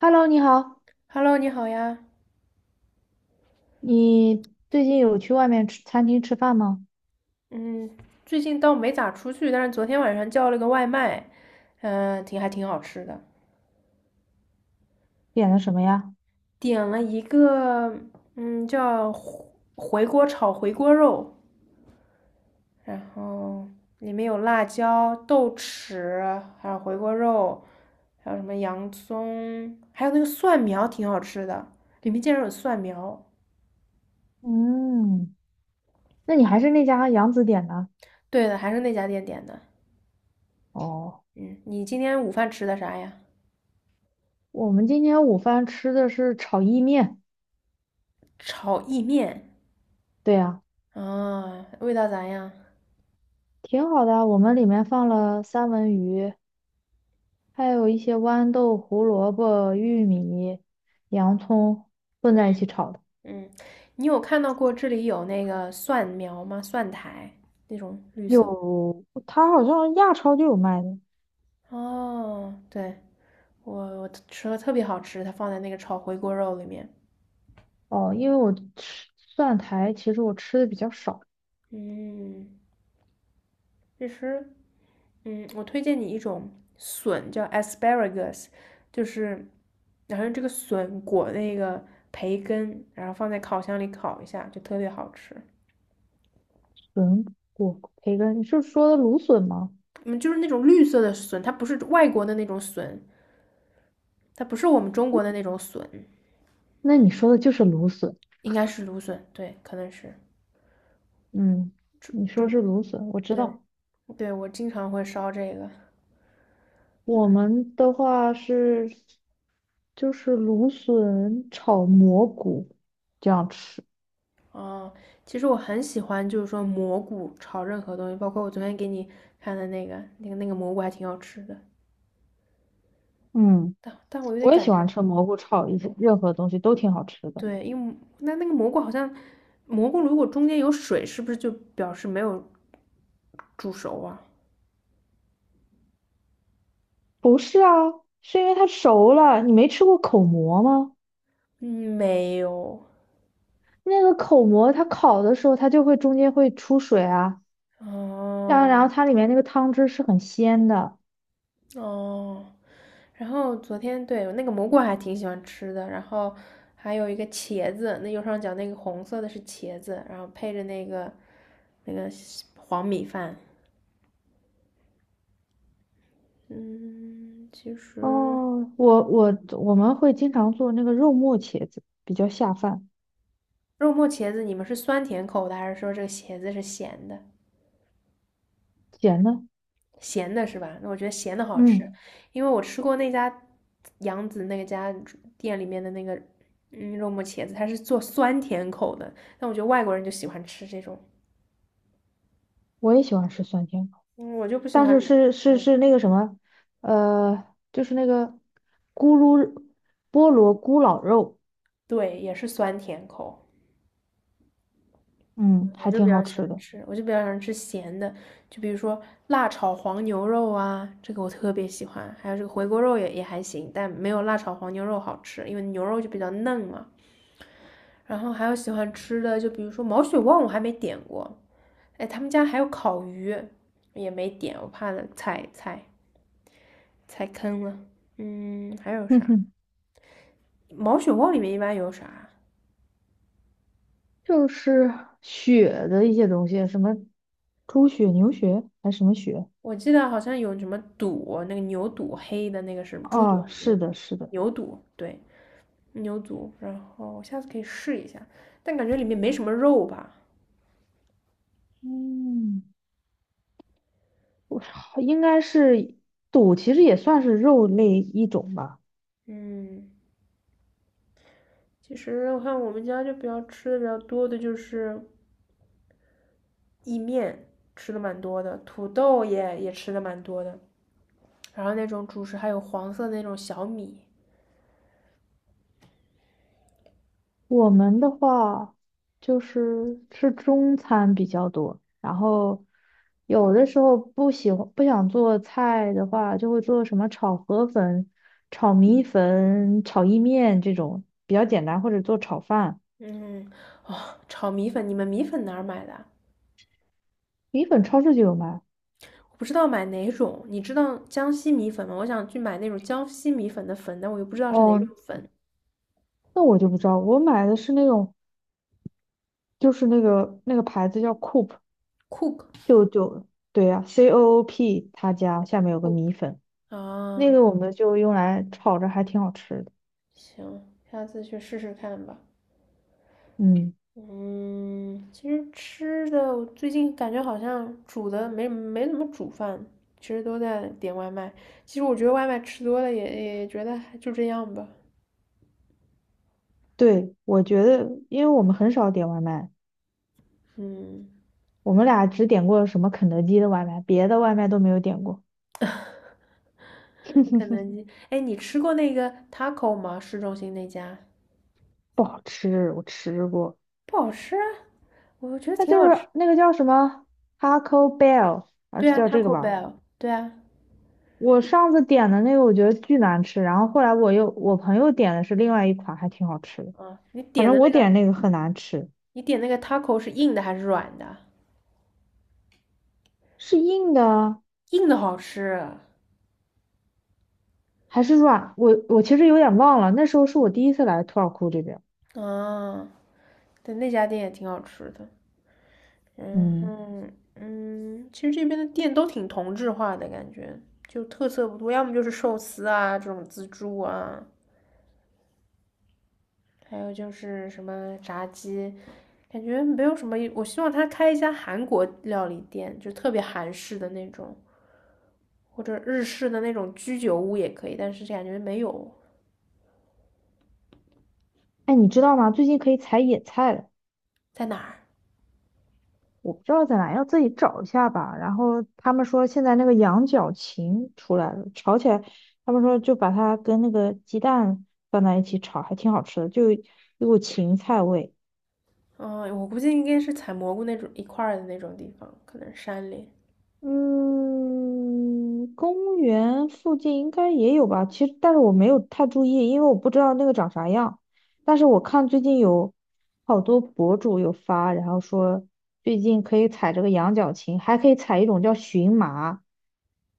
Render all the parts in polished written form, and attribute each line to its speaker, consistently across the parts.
Speaker 1: Hello，你好，
Speaker 2: Hello，你好呀。
Speaker 1: 你最近有去外面吃餐厅吃饭吗？
Speaker 2: 嗯，最近倒没咋出去，但是昨天晚上叫了个外卖，挺挺好吃的。
Speaker 1: 点的什么呀？
Speaker 2: 点了一个，嗯，叫回锅肉，然后里面有辣椒、豆豉，还有回锅肉，还有什么洋葱，还有那个蒜苗，挺好吃的。里面竟然有蒜苗。
Speaker 1: 嗯，那你还是那家杨子点的？
Speaker 2: 对的，还是那家店点的。
Speaker 1: 哦，
Speaker 2: 嗯，你今天午饭吃的啥呀？
Speaker 1: 我们今天午饭吃的是炒意面。
Speaker 2: 炒意面。
Speaker 1: 对呀，
Speaker 2: 啊，味道咋样？
Speaker 1: 挺好的啊，我们里面放了三文鱼，还有一些豌豆、胡萝卜、玉米、洋葱混在一起炒的。
Speaker 2: 嗯，你有看到过这里有那个蒜苗吗？蒜苔那种绿色。
Speaker 1: 有，它好像亚超就有卖的。
Speaker 2: 哦，对，我吃了特别好吃，它放在那个炒回锅肉里面。
Speaker 1: 哦，因为我吃蒜苔，其实我吃的比较少。
Speaker 2: 嗯，其实，嗯，我推荐你一种笋，叫 asparagus,就是然后这个笋裹那个培根，然后放在烤箱里烤一下，就特别好吃。
Speaker 1: 笋果培根，你是说的芦笋吗？
Speaker 2: 嗯，就是那种绿色的笋，它不是外国的那种笋，它不是我们中国的那种笋，
Speaker 1: 那你说的就是芦笋。
Speaker 2: 应该是芦笋，对，可能是。
Speaker 1: 嗯，你说
Speaker 2: 对，
Speaker 1: 是芦笋，我知
Speaker 2: 对，
Speaker 1: 道。
Speaker 2: 对，我经常会烧这个。
Speaker 1: 我们的话是芦笋炒蘑菇这样吃。
Speaker 2: 哦，其实我很喜欢，就是说蘑菇炒任何东西，包括我昨天给你看的那个蘑菇还挺好吃的，
Speaker 1: 嗯，
Speaker 2: 但我有点
Speaker 1: 我也喜
Speaker 2: 感
Speaker 1: 欢
Speaker 2: 觉，
Speaker 1: 吃蘑菇炒一些任何东西都挺好吃的。
Speaker 2: 对，因为那个蘑菇好像，蘑菇如果中间有水，是不是就表示没有煮熟啊？
Speaker 1: 不是啊，是因为它熟了。你没吃过口蘑吗？
Speaker 2: 嗯，没有。
Speaker 1: 那个口蘑它烤的时候，它就会中间会出水啊，然后
Speaker 2: 哦，
Speaker 1: 它里面那个汤汁是很鲜的。
Speaker 2: 哦，然后昨天对那个蘑菇还挺喜欢吃的，然后还有一个茄子，那右上角那个红色的是茄子，然后配着那个黄米饭。嗯，其实
Speaker 1: 哦，我我们会经常做那个肉末茄子，比较下饭。
Speaker 2: 肉末茄子你们是酸甜口的，还是说这个茄子是咸的？
Speaker 1: 咸的。
Speaker 2: 咸的是吧？那我觉得咸的好吃，
Speaker 1: 嗯，
Speaker 2: 因为我吃过那家杨子那家店里面的那个肉末茄子，它是做酸甜口的，但我觉得外国人就喜欢吃这种，
Speaker 1: 我也喜欢吃酸甜口，
Speaker 2: 嗯，我就不喜
Speaker 1: 但
Speaker 2: 欢。
Speaker 1: 是
Speaker 2: 嗯。
Speaker 1: 那个什么，呃，就是那个咕噜菠萝咕老肉。
Speaker 2: 对，也是酸甜口。
Speaker 1: 嗯，
Speaker 2: 我
Speaker 1: 还
Speaker 2: 就比
Speaker 1: 挺好
Speaker 2: 较喜
Speaker 1: 吃
Speaker 2: 欢
Speaker 1: 的。
Speaker 2: 吃，我就比较喜欢吃咸的，就比如说辣炒黄牛肉啊，这个我特别喜欢。还有这个回锅肉也还行，但没有辣炒黄牛肉好吃，因为牛肉就比较嫩嘛。然后还有喜欢吃的，就比如说毛血旺，我还没点过。哎，他们家还有烤鱼，也没点，我怕踩坑了。嗯，还有
Speaker 1: 哼
Speaker 2: 啥？
Speaker 1: 哼，
Speaker 2: 毛血旺里面一般有啥？
Speaker 1: 就是血的一些东西，什么猪血、牛血还是什么血？
Speaker 2: 我记得好像有什么肚，那个牛肚黑的那个是猪肚
Speaker 1: 哦，
Speaker 2: 还是牛
Speaker 1: 是
Speaker 2: 肚？
Speaker 1: 的，是的。
Speaker 2: 牛肚，对，牛肚。然后我下次可以试一下，但感觉里面没什么肉吧。
Speaker 1: 嗯，应该是肚，其实也算是肉类一种吧。
Speaker 2: 嗯，其实我看我们家就比较吃的比较多的就是意面，吃的蛮多的，土豆也吃的蛮多的，然后那种主食还有黄色的那种小米，
Speaker 1: 我们的话就是吃中餐比较多，然后有的时候不喜欢不想做菜的话，就会做什么炒河粉、炒米粉、炒意面这种比较简单，或者做炒饭。
Speaker 2: 嗯，哦，炒米粉，你们米粉哪儿买的啊？
Speaker 1: 米粉超市就有卖。
Speaker 2: 我不知道买哪种。你知道江西米粉吗？我想去买那种江西米粉的粉，但我又不知道是哪种
Speaker 1: 哦，
Speaker 2: 粉。
Speaker 1: 那我就不知道，我买的是那种那个牌子叫 Coop。
Speaker 2: Cook
Speaker 1: 就就对呀、c O O P 他家下面有个
Speaker 2: Cook
Speaker 1: 米粉，那
Speaker 2: 啊，
Speaker 1: 个我们就用来炒着，还挺好吃的。
Speaker 2: 行，下次去试试看吧。
Speaker 1: 嗯。
Speaker 2: 嗯，其实吃的我最近感觉好像煮的没怎么煮饭，其实都在点外卖。其实我觉得外卖吃多了也觉得还就这样吧。
Speaker 1: 对，我觉得，因为我们很少点外卖，
Speaker 2: 嗯，
Speaker 1: 我们俩只点过什么肯德基的外卖，别的外卖都没有点过。
Speaker 2: 肯德基，哎，你吃过那个 taco 吗？市中心那家
Speaker 1: 不好吃，我吃过。
Speaker 2: 不好吃啊，我觉得
Speaker 1: 它
Speaker 2: 挺
Speaker 1: 就
Speaker 2: 好吃。
Speaker 1: 是那个叫什么 Taco Bell，还
Speaker 2: 对
Speaker 1: 是
Speaker 2: 啊
Speaker 1: 叫这个
Speaker 2: ，Taco
Speaker 1: 吧？
Speaker 2: Bell,对啊，
Speaker 1: 我上次点的那个我觉得巨难吃，然后后来我又，我朋友点的是另外一款，还挺好吃的。
Speaker 2: 嗯，你
Speaker 1: 反
Speaker 2: 点
Speaker 1: 正
Speaker 2: 的
Speaker 1: 我
Speaker 2: 那个，
Speaker 1: 点那个很难吃，
Speaker 2: 你点那个 taco 是硬的还是软的？
Speaker 1: 是硬的啊
Speaker 2: 硬的好吃，
Speaker 1: 还是软？我其实有点忘了，那时候是我
Speaker 2: 嗯，
Speaker 1: 第一次来土尔库这边。
Speaker 2: 啊，对，那家店也挺好吃的，嗯
Speaker 1: 嗯，
Speaker 2: 哼，嗯，其实这边的店都挺同质化的感觉，就特色不多，要么就是寿司啊这种自助啊，还有就是什么炸鸡，感觉没有什么。我希望他开一家韩国料理店，就特别韩式的那种，或者日式的那种居酒屋也可以，但是感觉没有。
Speaker 1: 哎，你知道吗？最近可以采野菜了。
Speaker 2: 在哪儿？
Speaker 1: 我不知道在哪，要自己找一下吧。然后他们说现在那个羊角芹出来了，炒起来，他们说就把它跟那个鸡蛋放在一起炒，还挺好吃的，就有股芹菜味。
Speaker 2: 嗯，我估计应该是采蘑菇那种一块儿的那种地方，可能山里。
Speaker 1: 嗯，公园附近应该也有吧。其实，但是我没有太注意，因为我不知道那个长啥样。但是我看最近有好多博主有发，然后说最近可以采这个羊角芹，还可以采一种叫荨麻，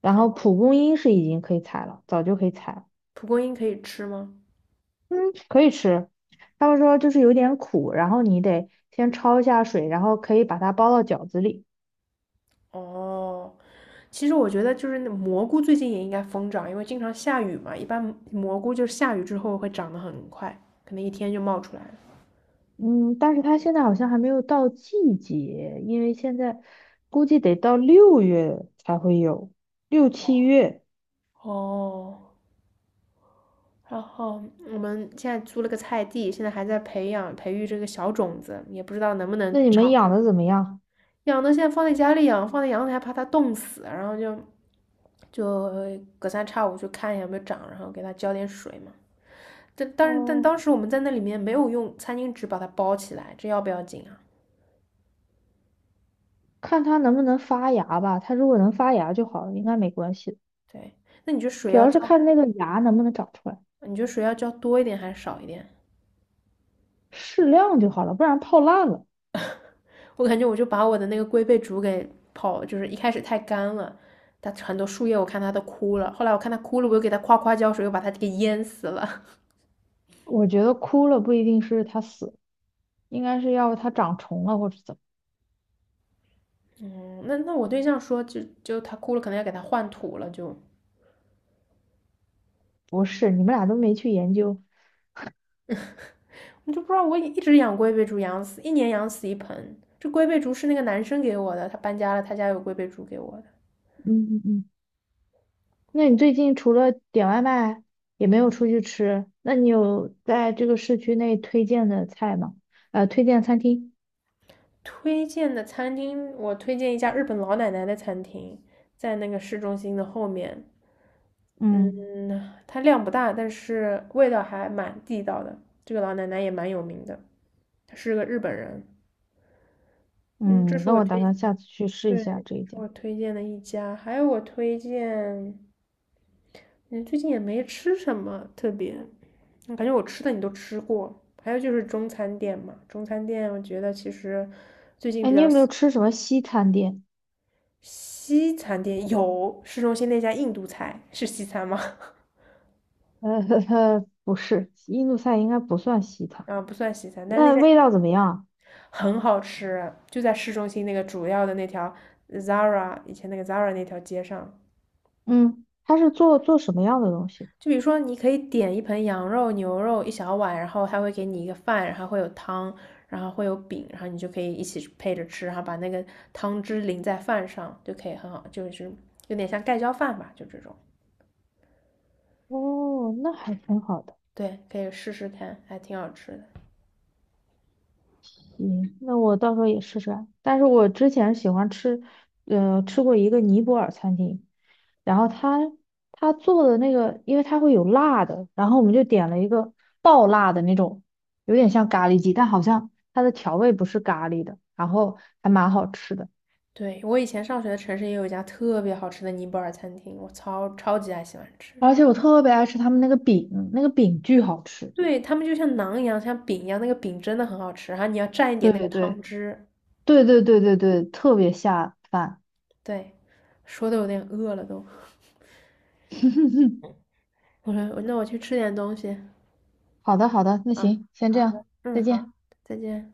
Speaker 1: 然后蒲公英是已经可以采了，早就可以采了。
Speaker 2: 蒲公英可以吃吗？
Speaker 1: 嗯，可以吃。他们说就是有点苦，然后你得先焯一下水，然后可以把它包到饺子里。
Speaker 2: 哦，其实我觉得就是那蘑菇最近也应该疯长，因为经常下雨嘛，一般蘑菇就是下雨之后会长得很快，可能一天就冒出来了。
Speaker 1: 嗯，但是它现在好像还没有到季节，因为现在估计得到六月才会有，六七月。
Speaker 2: 哦，然后我们现在租了个菜地，现在还在培育这个小种子，也不知道能不
Speaker 1: 那
Speaker 2: 能
Speaker 1: 你们
Speaker 2: 长出
Speaker 1: 养
Speaker 2: 来。
Speaker 1: 的怎么样？
Speaker 2: 养的现在放在家里养，放在阳台怕它冻死，然后就隔三差五去看一下有没有长，然后给它浇点水嘛。但
Speaker 1: 哦，
Speaker 2: 当时我们在那里面没有用餐巾纸把它包起来，这要不要紧啊？
Speaker 1: 看它能不能发芽吧。它如果能发芽就好了，应该没关系。
Speaker 2: 对，那你觉得水
Speaker 1: 主
Speaker 2: 要
Speaker 1: 要是
Speaker 2: 浇，
Speaker 1: 看那个芽能不能长出来，
Speaker 2: 你觉得水要浇多一点还是少一点？
Speaker 1: 适量就好了，不然泡烂了。
Speaker 2: 我感觉我就把我的那个龟背竹给泡，就是一开始太干了，它很多树叶我看它都枯了，后来我看它枯了，我又给它浇水，又把它给淹死了。
Speaker 1: 我觉得枯了不一定是它死，应该是要它长虫了或者怎么。
Speaker 2: 嗯，那我对象说就它枯了，可能要给它换土了，就
Speaker 1: 不是，你们俩都没去研究。
Speaker 2: 你就不知道我一直养龟背竹养死，一年养死一盆。这龟背竹是那个男生给我的，他搬家了，他家有龟背竹给我的。
Speaker 1: 嗯嗯嗯。那你最近除了点外卖，也没有出去吃，那你有在这个市区内推荐的菜吗？呃，推荐餐厅？
Speaker 2: 推荐的餐厅，我推荐一家日本老奶奶的餐厅，在那个市中心的后面。
Speaker 1: 嗯
Speaker 2: 嗯，它量不大，但是味道还蛮地道的。这个老奶奶也蛮有名的，她是个日本人。嗯，
Speaker 1: 嗯，
Speaker 2: 这是
Speaker 1: 那
Speaker 2: 我
Speaker 1: 我打算
Speaker 2: 推，
Speaker 1: 下次去试一
Speaker 2: 对，
Speaker 1: 下这一
Speaker 2: 是
Speaker 1: 家。
Speaker 2: 我推荐的一家。还有我推荐嗯，最近也没吃什么特别，我感觉我吃的你都吃过。还有就是中餐店嘛，中餐店我觉得其实最近
Speaker 1: 哎，
Speaker 2: 比
Speaker 1: 你
Speaker 2: 较
Speaker 1: 有没有
Speaker 2: 西，
Speaker 1: 吃什么西餐店？
Speaker 2: 西餐店有市中心那家印度菜是西餐吗？
Speaker 1: 呃，呵呵，不是，印度菜应该不算西 餐。
Speaker 2: 啊，不算西餐，但是那
Speaker 1: 那
Speaker 2: 家
Speaker 1: 味道怎么样啊？
Speaker 2: 很好吃，就在市中心那个主要的那条 Zara, 以前那个 Zara 那条街上，
Speaker 1: 嗯，他是做什么样的东西？
Speaker 2: 就比如说，你可以点一盆羊肉、牛肉一小碗，然后他会给你一个饭，然后会有汤，然后会有饼，然后你就可以一起配着吃，然后把那个汤汁淋在饭上，就可以很好，就是有点像盖浇饭吧，就这种。
Speaker 1: 哦，那还挺好的。
Speaker 2: 对，可以试试看，还挺好吃的。
Speaker 1: 行，那我到时候也试试啊。但是我之前喜欢吃，吃过一个尼泊尔餐厅，然后他做的那个，因为它会有辣的，然后我们就点了一个爆辣的那种，有点像咖喱鸡，但好像它的调味不是咖喱的，然后还蛮好吃的。
Speaker 2: 对，我以前上学的城市也有一家特别好吃的尼泊尔餐厅，我超级爱喜欢吃。
Speaker 1: 而且我特别爱吃他们那个饼，那个饼巨好吃。
Speaker 2: 对，他们就像馕一样，像饼一样，那个饼真的很好吃，然后你要蘸一点
Speaker 1: 对
Speaker 2: 那个
Speaker 1: 对
Speaker 2: 汤
Speaker 1: 对
Speaker 2: 汁。
Speaker 1: 对对对对对，特别下饭。
Speaker 2: 对，说的有点饿了都。我说那我去吃点东西。
Speaker 1: 好的好的，那
Speaker 2: 嗯，
Speaker 1: 行，先这
Speaker 2: 好
Speaker 1: 样，
Speaker 2: 的，嗯，
Speaker 1: 再
Speaker 2: 好，
Speaker 1: 见。
Speaker 2: 再见。